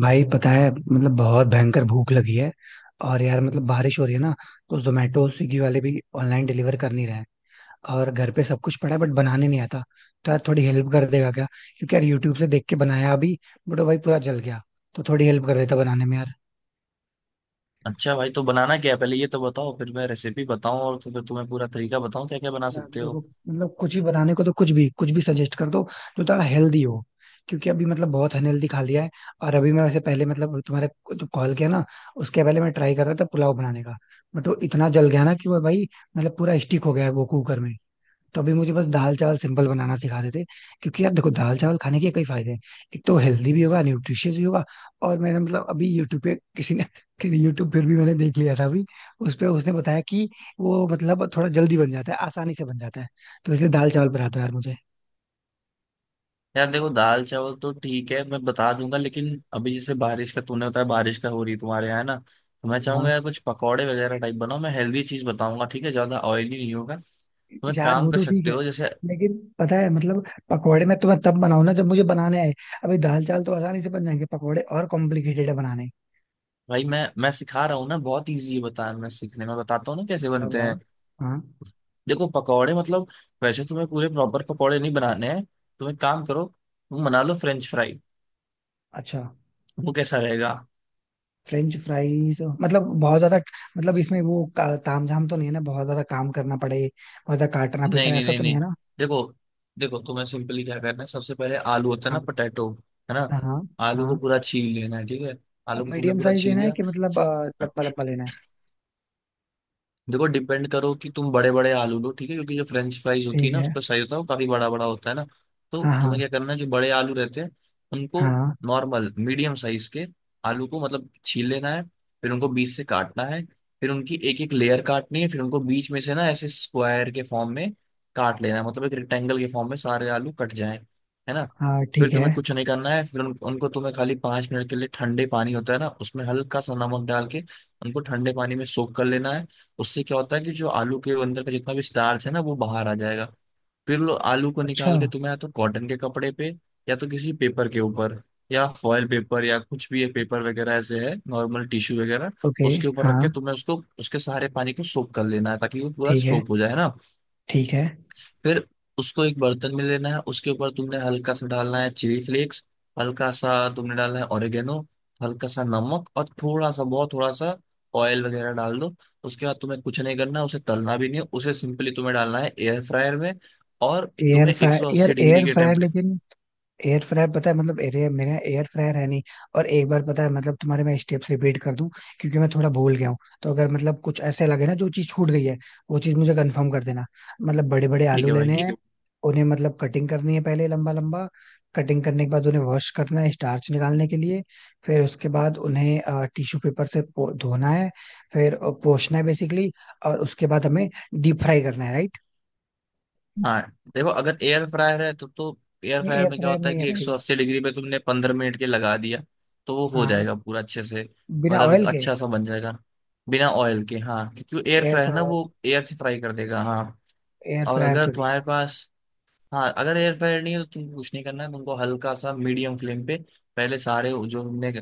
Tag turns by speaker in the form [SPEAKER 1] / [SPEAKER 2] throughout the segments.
[SPEAKER 1] भाई पता है मतलब बहुत भयंकर भूख लगी है। और यार मतलब बारिश हो रही है ना। तो जोमेटो स्विगी वाले भी ऑनलाइन डिलीवर कर नहीं रहे हैं। और घर पे सब कुछ पड़ा है, बट बनाने नहीं आता। तो यार थोड़ी हेल्प कर देगा क्या? क्योंकि यार यूट्यूब से देख के बनाया अभी, बट वो भाई पूरा जल गया। तो थोड़ी हेल्प कर देता बनाने में यार।
[SPEAKER 2] अच्छा भाई, तो बनाना क्या है पहले ये तो बताओ, फिर मैं रेसिपी बताऊं। और तो फिर तुम्हें पूरा तरीका बताऊं क्या क्या बना
[SPEAKER 1] यार
[SPEAKER 2] सकते हो।
[SPEAKER 1] देखो मतलब कुछ भी बनाने को, तो कुछ भी सजेस्ट कर दो, जो थोड़ा हेल्दी हो। क्योंकि अभी मतलब बहुत अनहेल्दी खा लिया है। और अभी मैं वैसे पहले मतलब जो कॉल किया ना, उसके पहले मैं ट्राई कर रहा था पुलाव बनाने का। बट वो इतना जल गया ना कि वो भाई, मतलब पूरा स्टिक हो गया है वो कुकर में। तो अभी मुझे बस दाल चावल सिंपल बनाना सिखा देते। क्योंकि यार देखो दाल चावल खाने के कई फायदे हैं। एक तो हेल्दी भी होगा, न्यूट्रिशियस भी होगा। और मैंने मतलब अभी यूट्यूब पे किसी ने यूट्यूब पर भी मैंने देख लिया था अभी। उस पे उसने बताया कि वो मतलब थोड़ा जल्दी बन जाता है, आसानी से बन जाता है। तो इसलिए दाल चावल बनाता है यार मुझे।
[SPEAKER 2] यार देखो, दाल चावल तो ठीक है, मैं बता दूंगा, लेकिन अभी जैसे बारिश का तूने बताया, बारिश का हो रही है तुम्हारे यहाँ है ना। तो मैं
[SPEAKER 1] हाँ
[SPEAKER 2] चाहूंगा यार कुछ पकौड़े वगैरह टाइप बनाओ। मैं हेल्दी चीज बताऊंगा, ठीक है, ज्यादा ऑयली नहीं होगा। तुम एक
[SPEAKER 1] यार
[SPEAKER 2] काम
[SPEAKER 1] वो
[SPEAKER 2] कर
[SPEAKER 1] तो ठीक
[SPEAKER 2] सकते
[SPEAKER 1] है,
[SPEAKER 2] हो जैसे।
[SPEAKER 1] लेकिन पता है मतलब पकौड़े में तो मैं तब बनाऊं ना जब मुझे बनाने आए। अभी दाल चावल तो आसानी से बन जाएंगे, पकौड़े और कॉम्प्लिकेटेड है बनाने।
[SPEAKER 2] भाई मैं सिखा रहा हूँ ना, बहुत ईजी है। बता, मैं सीखने में बताता हूँ ना कैसे
[SPEAKER 1] अच्छा
[SPEAKER 2] बनते हैं।
[SPEAKER 1] बताओ। हाँ।
[SPEAKER 2] देखो, पकौड़े मतलब वैसे तुम्हें पूरे प्रॉपर पकौड़े नहीं बनाने हैं। तुम एक काम करो, तुम बना लो फ्रेंच फ्राई।
[SPEAKER 1] अच्छा।
[SPEAKER 2] वो कैसा रहेगा।
[SPEAKER 1] फ्रेंच फ्राइज मतलब बहुत ज्यादा, मतलब इसमें वो तामझाम तो नहीं है ना, बहुत ज्यादा काम करना पड़े? बहुत ज्यादा काटना
[SPEAKER 2] नहीं
[SPEAKER 1] पीटना
[SPEAKER 2] नहीं
[SPEAKER 1] ऐसा
[SPEAKER 2] नहीं
[SPEAKER 1] तो नहीं है
[SPEAKER 2] नहीं।
[SPEAKER 1] ना?
[SPEAKER 2] देखो, देखो तुम्हें सिंपली क्या करना है, सबसे पहले आलू होता है ना,
[SPEAKER 1] हाँ बताओ।
[SPEAKER 2] पोटैटो, है ना।
[SPEAKER 1] हाँ
[SPEAKER 2] आलू को
[SPEAKER 1] हाँ।
[SPEAKER 2] पूरा छील लेना है, ठीक है। आलू को तुमने
[SPEAKER 1] मीडियम
[SPEAKER 2] पूरा
[SPEAKER 1] साइज
[SPEAKER 2] छील
[SPEAKER 1] लेना है
[SPEAKER 2] लिया।
[SPEAKER 1] कि मतलब लंबा लंबा लेना है?
[SPEAKER 2] देखो, डिपेंड करो कि तुम बड़े बड़े आलू लो, ठीक है, क्योंकि जो फ्रेंच फ्राइज होती है
[SPEAKER 1] ठीक
[SPEAKER 2] ना
[SPEAKER 1] है।
[SPEAKER 2] उसका साइज होता है वो काफी बड़ा बड़ा होता है ना। तो
[SPEAKER 1] हाँ
[SPEAKER 2] तुम्हें
[SPEAKER 1] हाँ।
[SPEAKER 2] क्या करना है, जो बड़े आलू रहते हैं उनको,
[SPEAKER 1] हाँ।
[SPEAKER 2] नॉर्मल मीडियम साइज के आलू को मतलब छील लेना है। फिर उनको बीच से काटना है। फिर उनकी एक एक लेयर काटनी है, फिर उनको बीच में से ना ऐसे स्क्वायर के फॉर्म में काट लेना है, मतलब एक रेक्टेंगल के फॉर्म में सारे आलू कट जाए, है ना।
[SPEAKER 1] हाँ।
[SPEAKER 2] फिर
[SPEAKER 1] ठीक है।
[SPEAKER 2] तुम्हें कुछ नहीं करना है, फिर उनको तुम्हें खाली पांच मिनट के लिए ठंडे पानी होता है ना उसमें हल्का सा नमक डाल के उनको ठंडे पानी में सोक कर लेना है। उससे क्या होता है कि जो आलू के अंदर का जितना भी स्टार्च है ना वो बाहर आ जाएगा। फिर लो आलू को
[SPEAKER 1] अच्छा।
[SPEAKER 2] निकाल के तुम्हें या तो कॉटन के कपड़े पे, या तो किसी पेपर के ऊपर, या फॉयल पेपर, या कुछ भी ये पेपर वगैरह ऐसे है, नॉर्मल टिश्यू वगैरह,
[SPEAKER 1] ओके।
[SPEAKER 2] उसके ऊपर
[SPEAKER 1] हाँ
[SPEAKER 2] रख के तुम्हें उसको उसके सारे पानी को सोक कर लेना है ताकि वो पूरा
[SPEAKER 1] ठीक है।
[SPEAKER 2] सोक हो जाए ना।
[SPEAKER 1] ठीक है।
[SPEAKER 2] फिर उसको एक बर्तन में लेना है, उसके ऊपर तुमने हल्का सा डालना है चिली फ्लेक्स, हल्का सा तुमने डालना है ऑरिगेनो, हल्का सा नमक, और थोड़ा सा, बहुत थोड़ा सा ऑयल वगैरह डाल दो। उसके बाद तुम्हें कुछ नहीं करना है, उसे तलना भी नहीं है, उसे सिंपली तुम्हें डालना है एयर फ्रायर में। और
[SPEAKER 1] एयर
[SPEAKER 2] तुम्हें
[SPEAKER 1] फ्रायर यार,
[SPEAKER 2] 180
[SPEAKER 1] एयर
[SPEAKER 2] डिग्री के
[SPEAKER 1] फ्रायर
[SPEAKER 2] टेम्परेचर।
[SPEAKER 1] लेकिन एयर फ्रायर पता है मतलब एरे मेरा एयर फ्रायर है नहीं। और एक बार पता है मतलब तुम्हारे मैं स्टेप्स रिपीट कर दूं, क्योंकि मैं थोड़ा भूल गया हूँ। तो अगर मतलब कुछ ऐसे लगे ना जो चीज छूट गई है, वो चीज मुझे कंफर्म कर देना। मतलब बड़े बड़े
[SPEAKER 2] ठीक
[SPEAKER 1] आलू
[SPEAKER 2] है भाई।
[SPEAKER 1] लेने ठीक हैं है। उन्हें मतलब कटिंग करनी है पहले लंबा लंबा। कटिंग करने के बाद उन्हें वॉश करना है स्टार्च निकालने के लिए। फिर उसके बाद उन्हें टिश्यू पेपर से धोना है। फिर पोंछना है बेसिकली। और उसके बाद हमें डीप फ्राई करना है, राइट?
[SPEAKER 2] हाँ, देखो अगर एयर फ्रायर है तो एयर
[SPEAKER 1] नहीं
[SPEAKER 2] फ्रायर
[SPEAKER 1] एयर
[SPEAKER 2] में क्या
[SPEAKER 1] फ्रायर
[SPEAKER 2] होता है
[SPEAKER 1] नहीं है
[SPEAKER 2] कि
[SPEAKER 1] भाई।
[SPEAKER 2] 180 डिग्री पे तुमने 15 मिनट के लगा दिया, तो वो हो
[SPEAKER 1] हाँ,
[SPEAKER 2] जाएगा पूरा अच्छे से।
[SPEAKER 1] बिना
[SPEAKER 2] मतलब एक
[SPEAKER 1] ऑयल के।
[SPEAKER 2] अच्छा सा बन जाएगा बिना ऑयल के। हाँ क्योंकि एयर
[SPEAKER 1] एयर,
[SPEAKER 2] फ्रायर ना वो एयर से फ्राई कर देगा, हाँ।
[SPEAKER 1] एयर
[SPEAKER 2] और
[SPEAKER 1] फ्रायर
[SPEAKER 2] अगर
[SPEAKER 1] तो नहीं
[SPEAKER 2] तुम्हारे पास, हाँ अगर एयर फ्रायर नहीं है तो तुमको कुछ नहीं करना है, तुमको हल्का सा मीडियम फ्लेम पे, पहले सारे जो हमने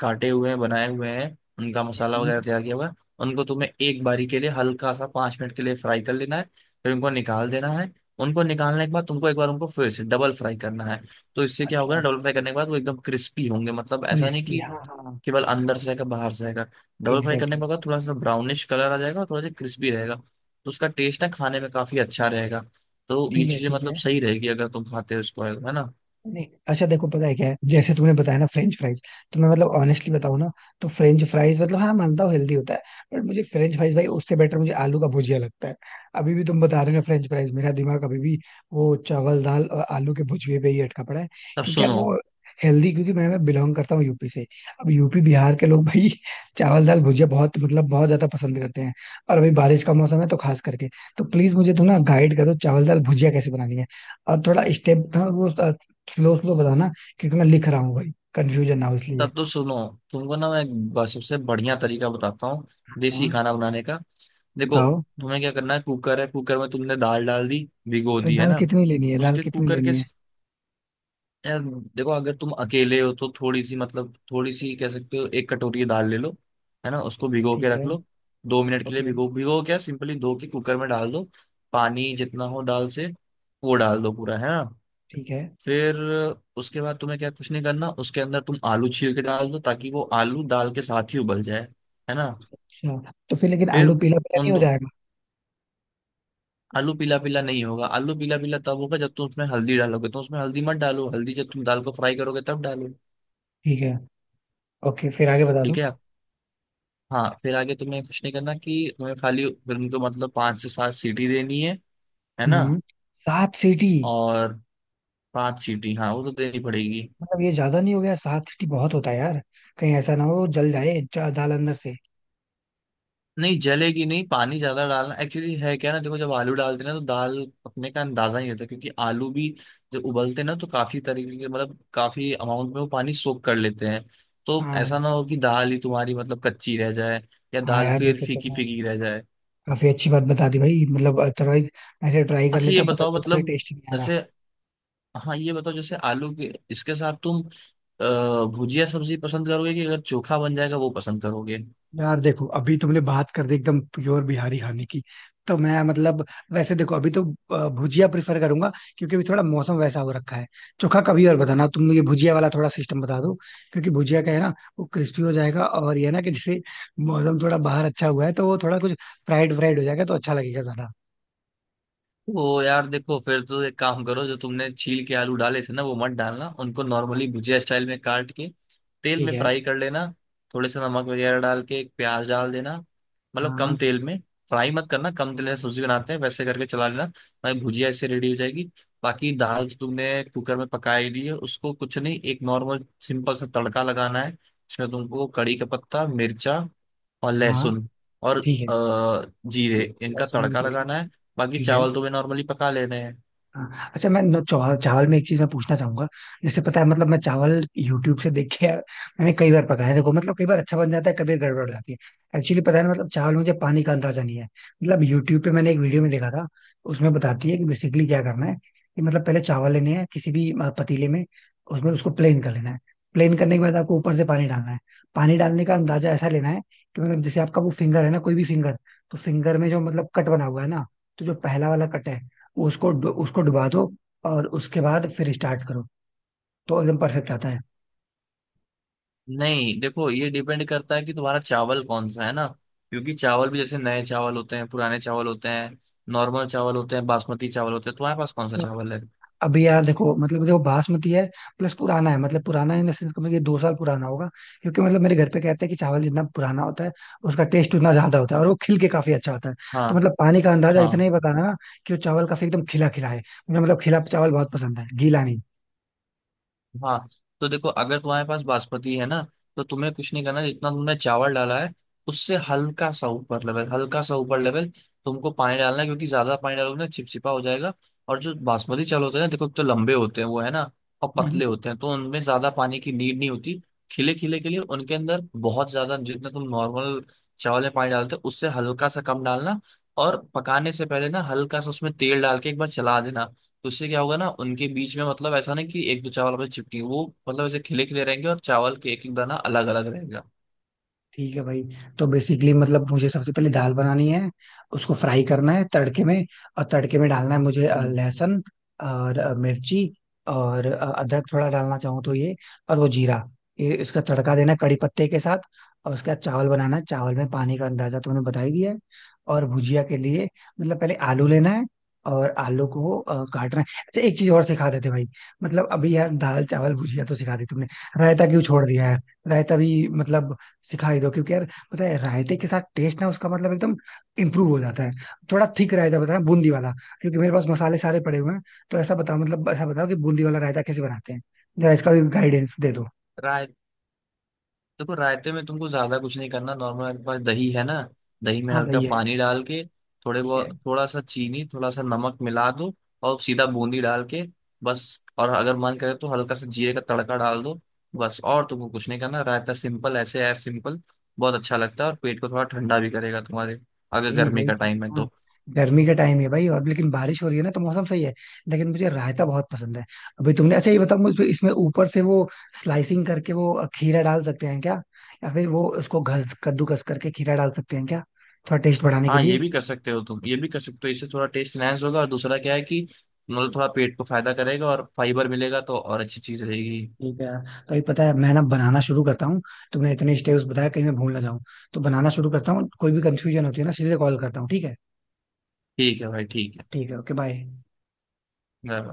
[SPEAKER 2] काटे हुए हैं, बनाए हुए हैं, उनका
[SPEAKER 1] है।
[SPEAKER 2] मसाला वगैरह
[SPEAKER 1] हम्म।
[SPEAKER 2] तैयार किया हुआ है, उनको तुम्हें एक बारी के लिए हल्का सा पाँच मिनट के लिए फ्राई कर लेना है। फिर उनको निकाल देना है। उनको निकालने के बाद तुमको एक बार उनको फिर से डबल फ्राई करना है। तो इससे क्या होगा ना,
[SPEAKER 1] अच्छा।
[SPEAKER 2] डबल फ्राई करने के बाद वो एकदम क्रिस्पी होंगे, मतलब ऐसा नहीं
[SPEAKER 1] क्रिस्पी
[SPEAKER 2] कि
[SPEAKER 1] हाँ हाँ।
[SPEAKER 2] केवल अंदर से रहेगा, बाहर से रहेगा। डबल फ्राई करने
[SPEAKER 1] एग्जैक्टली।
[SPEAKER 2] पर होगा थोड़ा सा ब्राउनिश कलर आ जाएगा और थोड़ा सा क्रिस्पी रहेगा, तो उसका टेस्ट ना खाने में काफी अच्छा रहेगा। तो ये
[SPEAKER 1] ठीक है
[SPEAKER 2] चीजें
[SPEAKER 1] ठीक है।
[SPEAKER 2] मतलब सही रहेगी अगर तुम खाते हो इसको, है ना।
[SPEAKER 1] नहीं अच्छा देखो पता है क्या है, जैसे तुमने बताया ना फ्रेंच फ्राइज, तो मैं मतलब ऑनेस्टली बताऊं ना, तो फ्रेंच फ्राइज मतलब हाँ मानता हूँ हेल्दी होता है। बट मुझे फ्रेंच फ्राइज भाई, उससे बेटर मुझे आलू का भुजिया लगता है। अभी भी तुम बता रहे हो फ्रेंच फ्राइज, मेरा दिमाग अभी भी वो चावल दाल और आलू के भुजिए पे ही अटका पड़ा है।
[SPEAKER 2] तब
[SPEAKER 1] क्योंकि यार
[SPEAKER 2] सुनो,
[SPEAKER 1] वो हेल्दी, क्योंकि मैं बिलोंग करता हूँ यूपी से। अब यूपी बिहार के लोग भाई चावल दाल भुजिया बहुत मतलब बहुत ज्यादा पसंद करते हैं। और अभी बारिश का मौसम है तो खास करके। तो प्लीज मुझे तुम ना गाइड करो चावल दाल भुजिया कैसे बनानी है। और थोड़ा स्टेप था वो, किलो स्लो बताना, क्योंकि मैं लिख रहा हूँ भाई कंफ्यूजन ना हो इसलिए।
[SPEAKER 2] तब तो सुनो, तुमको ना मैं एक सबसे बढ़िया तरीका बताता हूँ, देसी
[SPEAKER 1] हाँ
[SPEAKER 2] खाना बनाने का। देखो,
[SPEAKER 1] बताओ।
[SPEAKER 2] तुम्हें क्या करना है, कुकर है, कुकर में तुमने दाल डाल दी, भिगो दी है
[SPEAKER 1] दाल
[SPEAKER 2] ना।
[SPEAKER 1] कितनी लेनी है?
[SPEAKER 2] उसके कुकर के, यार देखो अगर तुम अकेले हो तो थोड़ी सी, मतलब थोड़ी सी कह सकते हो, एक कटोरी दाल ले लो, है ना, उसको भिगो के
[SPEAKER 1] ठीक
[SPEAKER 2] रख
[SPEAKER 1] है।
[SPEAKER 2] लो। दो मिनट के लिए
[SPEAKER 1] ओके।
[SPEAKER 2] भिगो, भिगो क्या, सिंपली धो के कुकर में डाल दो। पानी जितना हो दाल से वो डाल दो पूरा, है ना।
[SPEAKER 1] ठीक है।
[SPEAKER 2] फिर उसके बाद तुम्हें क्या, कुछ नहीं करना, उसके अंदर तुम आलू छील के डाल दो ताकि वो आलू दाल के साथ ही उबल जाए, है ना।
[SPEAKER 1] अच्छा तो फिर लेकिन आलू
[SPEAKER 2] फिर
[SPEAKER 1] पीला पीला नहीं
[SPEAKER 2] उन
[SPEAKER 1] हो
[SPEAKER 2] दो,
[SPEAKER 1] जाएगा?
[SPEAKER 2] आलू पीला पीला नहीं होगा, आलू पीला पीला तब होगा जब तुम उसमें हल्दी डालोगे, तो उसमें हल्दी मत डालो, हल्दी जब तुम दाल को फ्राई करोगे तब डालो।
[SPEAKER 1] ठीक है। ओके फिर आगे बता
[SPEAKER 2] ठीक
[SPEAKER 1] दो।
[SPEAKER 2] है। हाँ फिर आगे तुम्हें कुछ नहीं करना कि तुम्हें खाली फिल्म को मतलब पांच से सात सीटी देनी है ना।
[SPEAKER 1] हम्म। सात सीटी?
[SPEAKER 2] और पांच सीटी, हाँ वो तो देनी पड़ेगी।
[SPEAKER 1] मतलब ये ज्यादा नहीं हो गया, सात सीटी बहुत होता है यार। कहीं ऐसा ना हो जल जाए दाल अंदर से।
[SPEAKER 2] नहीं जलेगी, नहीं, पानी ज्यादा डालना एक्चुअली है, क्या ना, देखो जब आलू डालते हैं ना तो दाल पकने का अंदाजा ही नहीं होता, क्योंकि आलू भी जब उबलते हैं ना तो काफी तरीके के मतलब काफी अमाउंट में वो पानी सोख कर लेते हैं। तो
[SPEAKER 1] हाँ।
[SPEAKER 2] ऐसा ना हो कि दाल ही तुम्हारी मतलब कच्ची रह जाए या
[SPEAKER 1] हाँ
[SPEAKER 2] दाल
[SPEAKER 1] यार ये
[SPEAKER 2] फिर
[SPEAKER 1] तो
[SPEAKER 2] फीकी
[SPEAKER 1] तुमने
[SPEAKER 2] फीकी रह जाए।
[SPEAKER 1] काफी अच्छी बात बता दी भाई, मतलब अदरवाइज ऐसे ट्राई कर
[SPEAKER 2] अच्छा
[SPEAKER 1] लेता,
[SPEAKER 2] ये
[SPEAKER 1] पता
[SPEAKER 2] बताओ,
[SPEAKER 1] चलता भाई
[SPEAKER 2] मतलब
[SPEAKER 1] टेस्ट नहीं आ रहा।
[SPEAKER 2] ऐसे, हाँ ये बताओ, जैसे आलू के इसके साथ तुम भुजिया सब्जी पसंद करोगे कि अगर चोखा बन जाएगा वो पसंद करोगे।
[SPEAKER 1] यार देखो अभी तुमने बात कर दी एकदम प्योर बिहारी खाने की। तो मैं मतलब वैसे देखो अभी तो भुजिया प्रिफर करूंगा, क्योंकि अभी थोड़ा मौसम वैसा हो रखा है। चोखा कभी और बताना, तुम मुझे भुजिया वाला थोड़ा सिस्टम बता दो। क्योंकि भुजिया का है ना, वो क्रिस्पी हो जाएगा और ये है ना कि जैसे मौसम थोड़ा बाहर अच्छा हुआ है, तो वो थोड़ा कुछ फ्राइड फ्राइड हो जाएगा तो अच्छा लगेगा ज्यादा।
[SPEAKER 2] वो यार देखो, फिर तो एक काम करो, जो तुमने छील के आलू डाले थे ना वो मत डालना, उनको नॉर्मली भुजिया स्टाइल में काट के तेल
[SPEAKER 1] ठीक
[SPEAKER 2] में
[SPEAKER 1] है।
[SPEAKER 2] फ्राई कर लेना। थोड़े से नमक वगैरह डाल के, एक प्याज डाल देना, मतलब
[SPEAKER 1] हाँ
[SPEAKER 2] कम तेल में फ्राई मत करना, कम तेल में सब्जी बनाते हैं वैसे करके चला लेना। भाई भुजिया इससे रेडी हो जाएगी। बाकी दाल जो तुमने कुकर में पका ही ली है उसको कुछ नहीं, एक नॉर्मल सिंपल सा तड़का लगाना है। इसमें तुमको कड़ी का पत्ता, मिर्चा और
[SPEAKER 1] हाँ।
[SPEAKER 2] लहसुन और
[SPEAKER 1] ठीक है।
[SPEAKER 2] जीरे, इनका
[SPEAKER 1] लहसुन भी
[SPEAKER 2] तड़का
[SPEAKER 1] डलेगा?
[SPEAKER 2] लगाना है। बाकी
[SPEAKER 1] ठीक है।
[SPEAKER 2] चावल तो वे नॉर्मली पका ले रहे हैं।
[SPEAKER 1] हाँ, अच्छा मैं चावल, चावल में एक चीज मैं पूछना चाहूंगा। जैसे पता है मतलब मैं चावल यूट्यूब से देख के यार मैंने कई बार पकाया, देखो मतलब कई बार अच्छा बन जाता है, कभी गड़बड़ हो जाती है एक्चुअली पता है ना, मतलब चावल में मुझे पानी का अंदाजा नहीं है। मतलब यूट्यूब पे मैंने एक वीडियो में देखा था, उसमें बताती है कि बेसिकली क्या करना है कि मतलब पहले चावल लेने हैं किसी भी पतीले में, उसमें उसको प्लेन कर लेना है। प्लेन करने के बाद आपको ऊपर से पानी डालना है। पानी डालने का अंदाजा ऐसा लेना है कि मतलब जैसे आपका वो फिंगर है ना, कोई भी फिंगर, तो फिंगर में जो मतलब कट बना हुआ है ना, तो जो पहला वाला कट है, उसको डुबा दो और उसके बाद फिर स्टार्ट करो। तो एकदम परफेक्ट आता है।
[SPEAKER 2] नहीं देखो, ये डिपेंड करता है कि तुम्हारा चावल कौन सा है ना, क्योंकि चावल भी जैसे नए चावल होते हैं, पुराने चावल होते हैं, नॉर्मल चावल होते हैं, बासमती चावल होते हैं, तुम्हारे पास कौन सा चावल है।
[SPEAKER 1] अभी यहाँ देखो मतलब देखो बासमती है, प्लस पुराना है। मतलब पुराना इन द सेंस ये 2 साल पुराना होगा, क्योंकि मतलब मेरे घर पे कहते हैं कि चावल जितना पुराना होता है उसका टेस्ट उतना ज्यादा होता है और वो खिल के काफी अच्छा होता है।
[SPEAKER 2] हाँ।
[SPEAKER 1] तो मतलब पानी का अंदाजा इतना
[SPEAKER 2] हाँ।
[SPEAKER 1] ही बताना ना कि वो चावल काफी एकदम खिला खिला है। मुझे मतलब खिला चावल बहुत पसंद है, गीला
[SPEAKER 2] हाँ। तो देखो अगर तुम्हारे पास बासमती है ना तो तुम्हें कुछ नहीं करना, जितना तुमने चावल डाला है उससे हल्का सा ऊपर लेवल, हल्का सा ऊपर लेवल तुमको पानी डालना है, क्योंकि ज्यादा पानी डालोगे ना चिपचिपा हो जाएगा। और जो बासमती चावल होते हैं ना, देखो तो लंबे होते हैं वो, है ना, और पतले
[SPEAKER 1] नहीं।
[SPEAKER 2] होते हैं, तो उनमें ज्यादा पानी की नीड नहीं होती खिले खिले के लिए, उनके अंदर बहुत ज्यादा जितना तुम नॉर्मल चावल में पानी डालते हो उससे हल्का सा कम डालना। और पकाने से पहले ना हल्का सा उसमें तेल डाल के एक बार चला देना, तो उससे क्या होगा ना उनके बीच में मतलब ऐसा नहीं कि एक दो चावल आपस में चिपकेंगे, वो मतलब ऐसे खिले खिले रहेंगे और चावल के एक एक दाना अलग अलग रहेगा।
[SPEAKER 1] ठीक है भाई। तो बेसिकली मतलब मुझे सबसे पहले दाल बनानी है, उसको फ्राई करना है तड़के में। और तड़के में डालना है मुझे
[SPEAKER 2] हम्म।
[SPEAKER 1] लहसुन और मिर्ची और अदरक थोड़ा डालना चाहूँ तो ये, और वो जीरा। ये इसका तड़का देना है कड़ी पत्ते के साथ। और उसके बाद चावल बनाना है, चावल में पानी का अंदाजा तुमने बता ही दिया है। और भुजिया के लिए मतलब पहले आलू लेना है और आलू को काटना है। अच्छा एक चीज और सिखा देते भाई, मतलब अभी यार दाल चावल भुजिया तो सिखा दी तुमने, रायता क्यों छोड़ दिया है? रायता भी मतलब सिखा ही दो, क्योंकि यार पता है रायते के साथ टेस्ट ना उसका मतलब एकदम इम्प्रूव हो जाता है। थोड़ा थिक रायता बताना, बूंदी वाला, क्योंकि मेरे पास मसाले सारे पड़े हुए हैं। तो ऐसा बताओ मतलब ऐसा बताओ कि बूंदी वाला रायता कैसे बनाते हैं, जरा इसका भी गाइडेंस दे दो।
[SPEAKER 2] राय देखो रायते में तुमको ज्यादा कुछ नहीं करना, नॉर्मल आपके पास दही है ना, दही में
[SPEAKER 1] हाँ
[SPEAKER 2] हल्का
[SPEAKER 1] भाई है।
[SPEAKER 2] पानी डाल के थोड़े
[SPEAKER 1] ठीक है।
[SPEAKER 2] बहुत, थोड़ा सा चीनी, थोड़ा सा नमक मिला दो और सीधा बूंदी डाल के बस। और अगर मन करे तो हल्का सा जीरे का तड़का डाल दो, बस और तुमको कुछ नहीं करना। रायता सिंपल ऐसे है, सिंपल, बहुत अच्छा लगता है और पेट को थोड़ा ठंडा भी करेगा तुम्हारे, अगर
[SPEAKER 1] यही
[SPEAKER 2] गर्मी
[SPEAKER 1] वही
[SPEAKER 2] का
[SPEAKER 1] चीज
[SPEAKER 2] टाइम है
[SPEAKER 1] है ना,
[SPEAKER 2] तो।
[SPEAKER 1] गर्मी का टाइम है भाई और, लेकिन बारिश हो रही है ना तो मौसम सही है। लेकिन मुझे रायता बहुत पसंद है। अभी तुमने अच्छा ये बताओ मुझे, इसमें ऊपर से वो स्लाइसिंग करके वो खीरा डाल सकते हैं क्या? या फिर वो उसको घस कद्दूकस करके खीरा डाल सकते हैं क्या, थोड़ा टेस्ट बढ़ाने के
[SPEAKER 2] हाँ ये
[SPEAKER 1] लिए?
[SPEAKER 2] भी कर सकते हो, तुम ये भी कर सकते हो, इससे थोड़ा टेस्ट इनहेंस होगा, और दूसरा क्या है कि मतलब थोड़ा पेट को फायदा करेगा और फाइबर मिलेगा, तो और अच्छी चीज रहेगी।
[SPEAKER 1] ठीक है यार। तो ये पता है मैं ना बनाना शुरू करता हूँ, तुमने इतने स्टेप्स बताया कहीं मैं भूल ना जाऊँ। तो बनाना शुरू करता हूँ, कोई भी कंफ्यूजन होती है ना सीधे कॉल करता हूँ, ठीक है?
[SPEAKER 2] ठीक है भाई, ठीक है।
[SPEAKER 1] ठीक है, ओके, बाय।
[SPEAKER 2] Bye bye.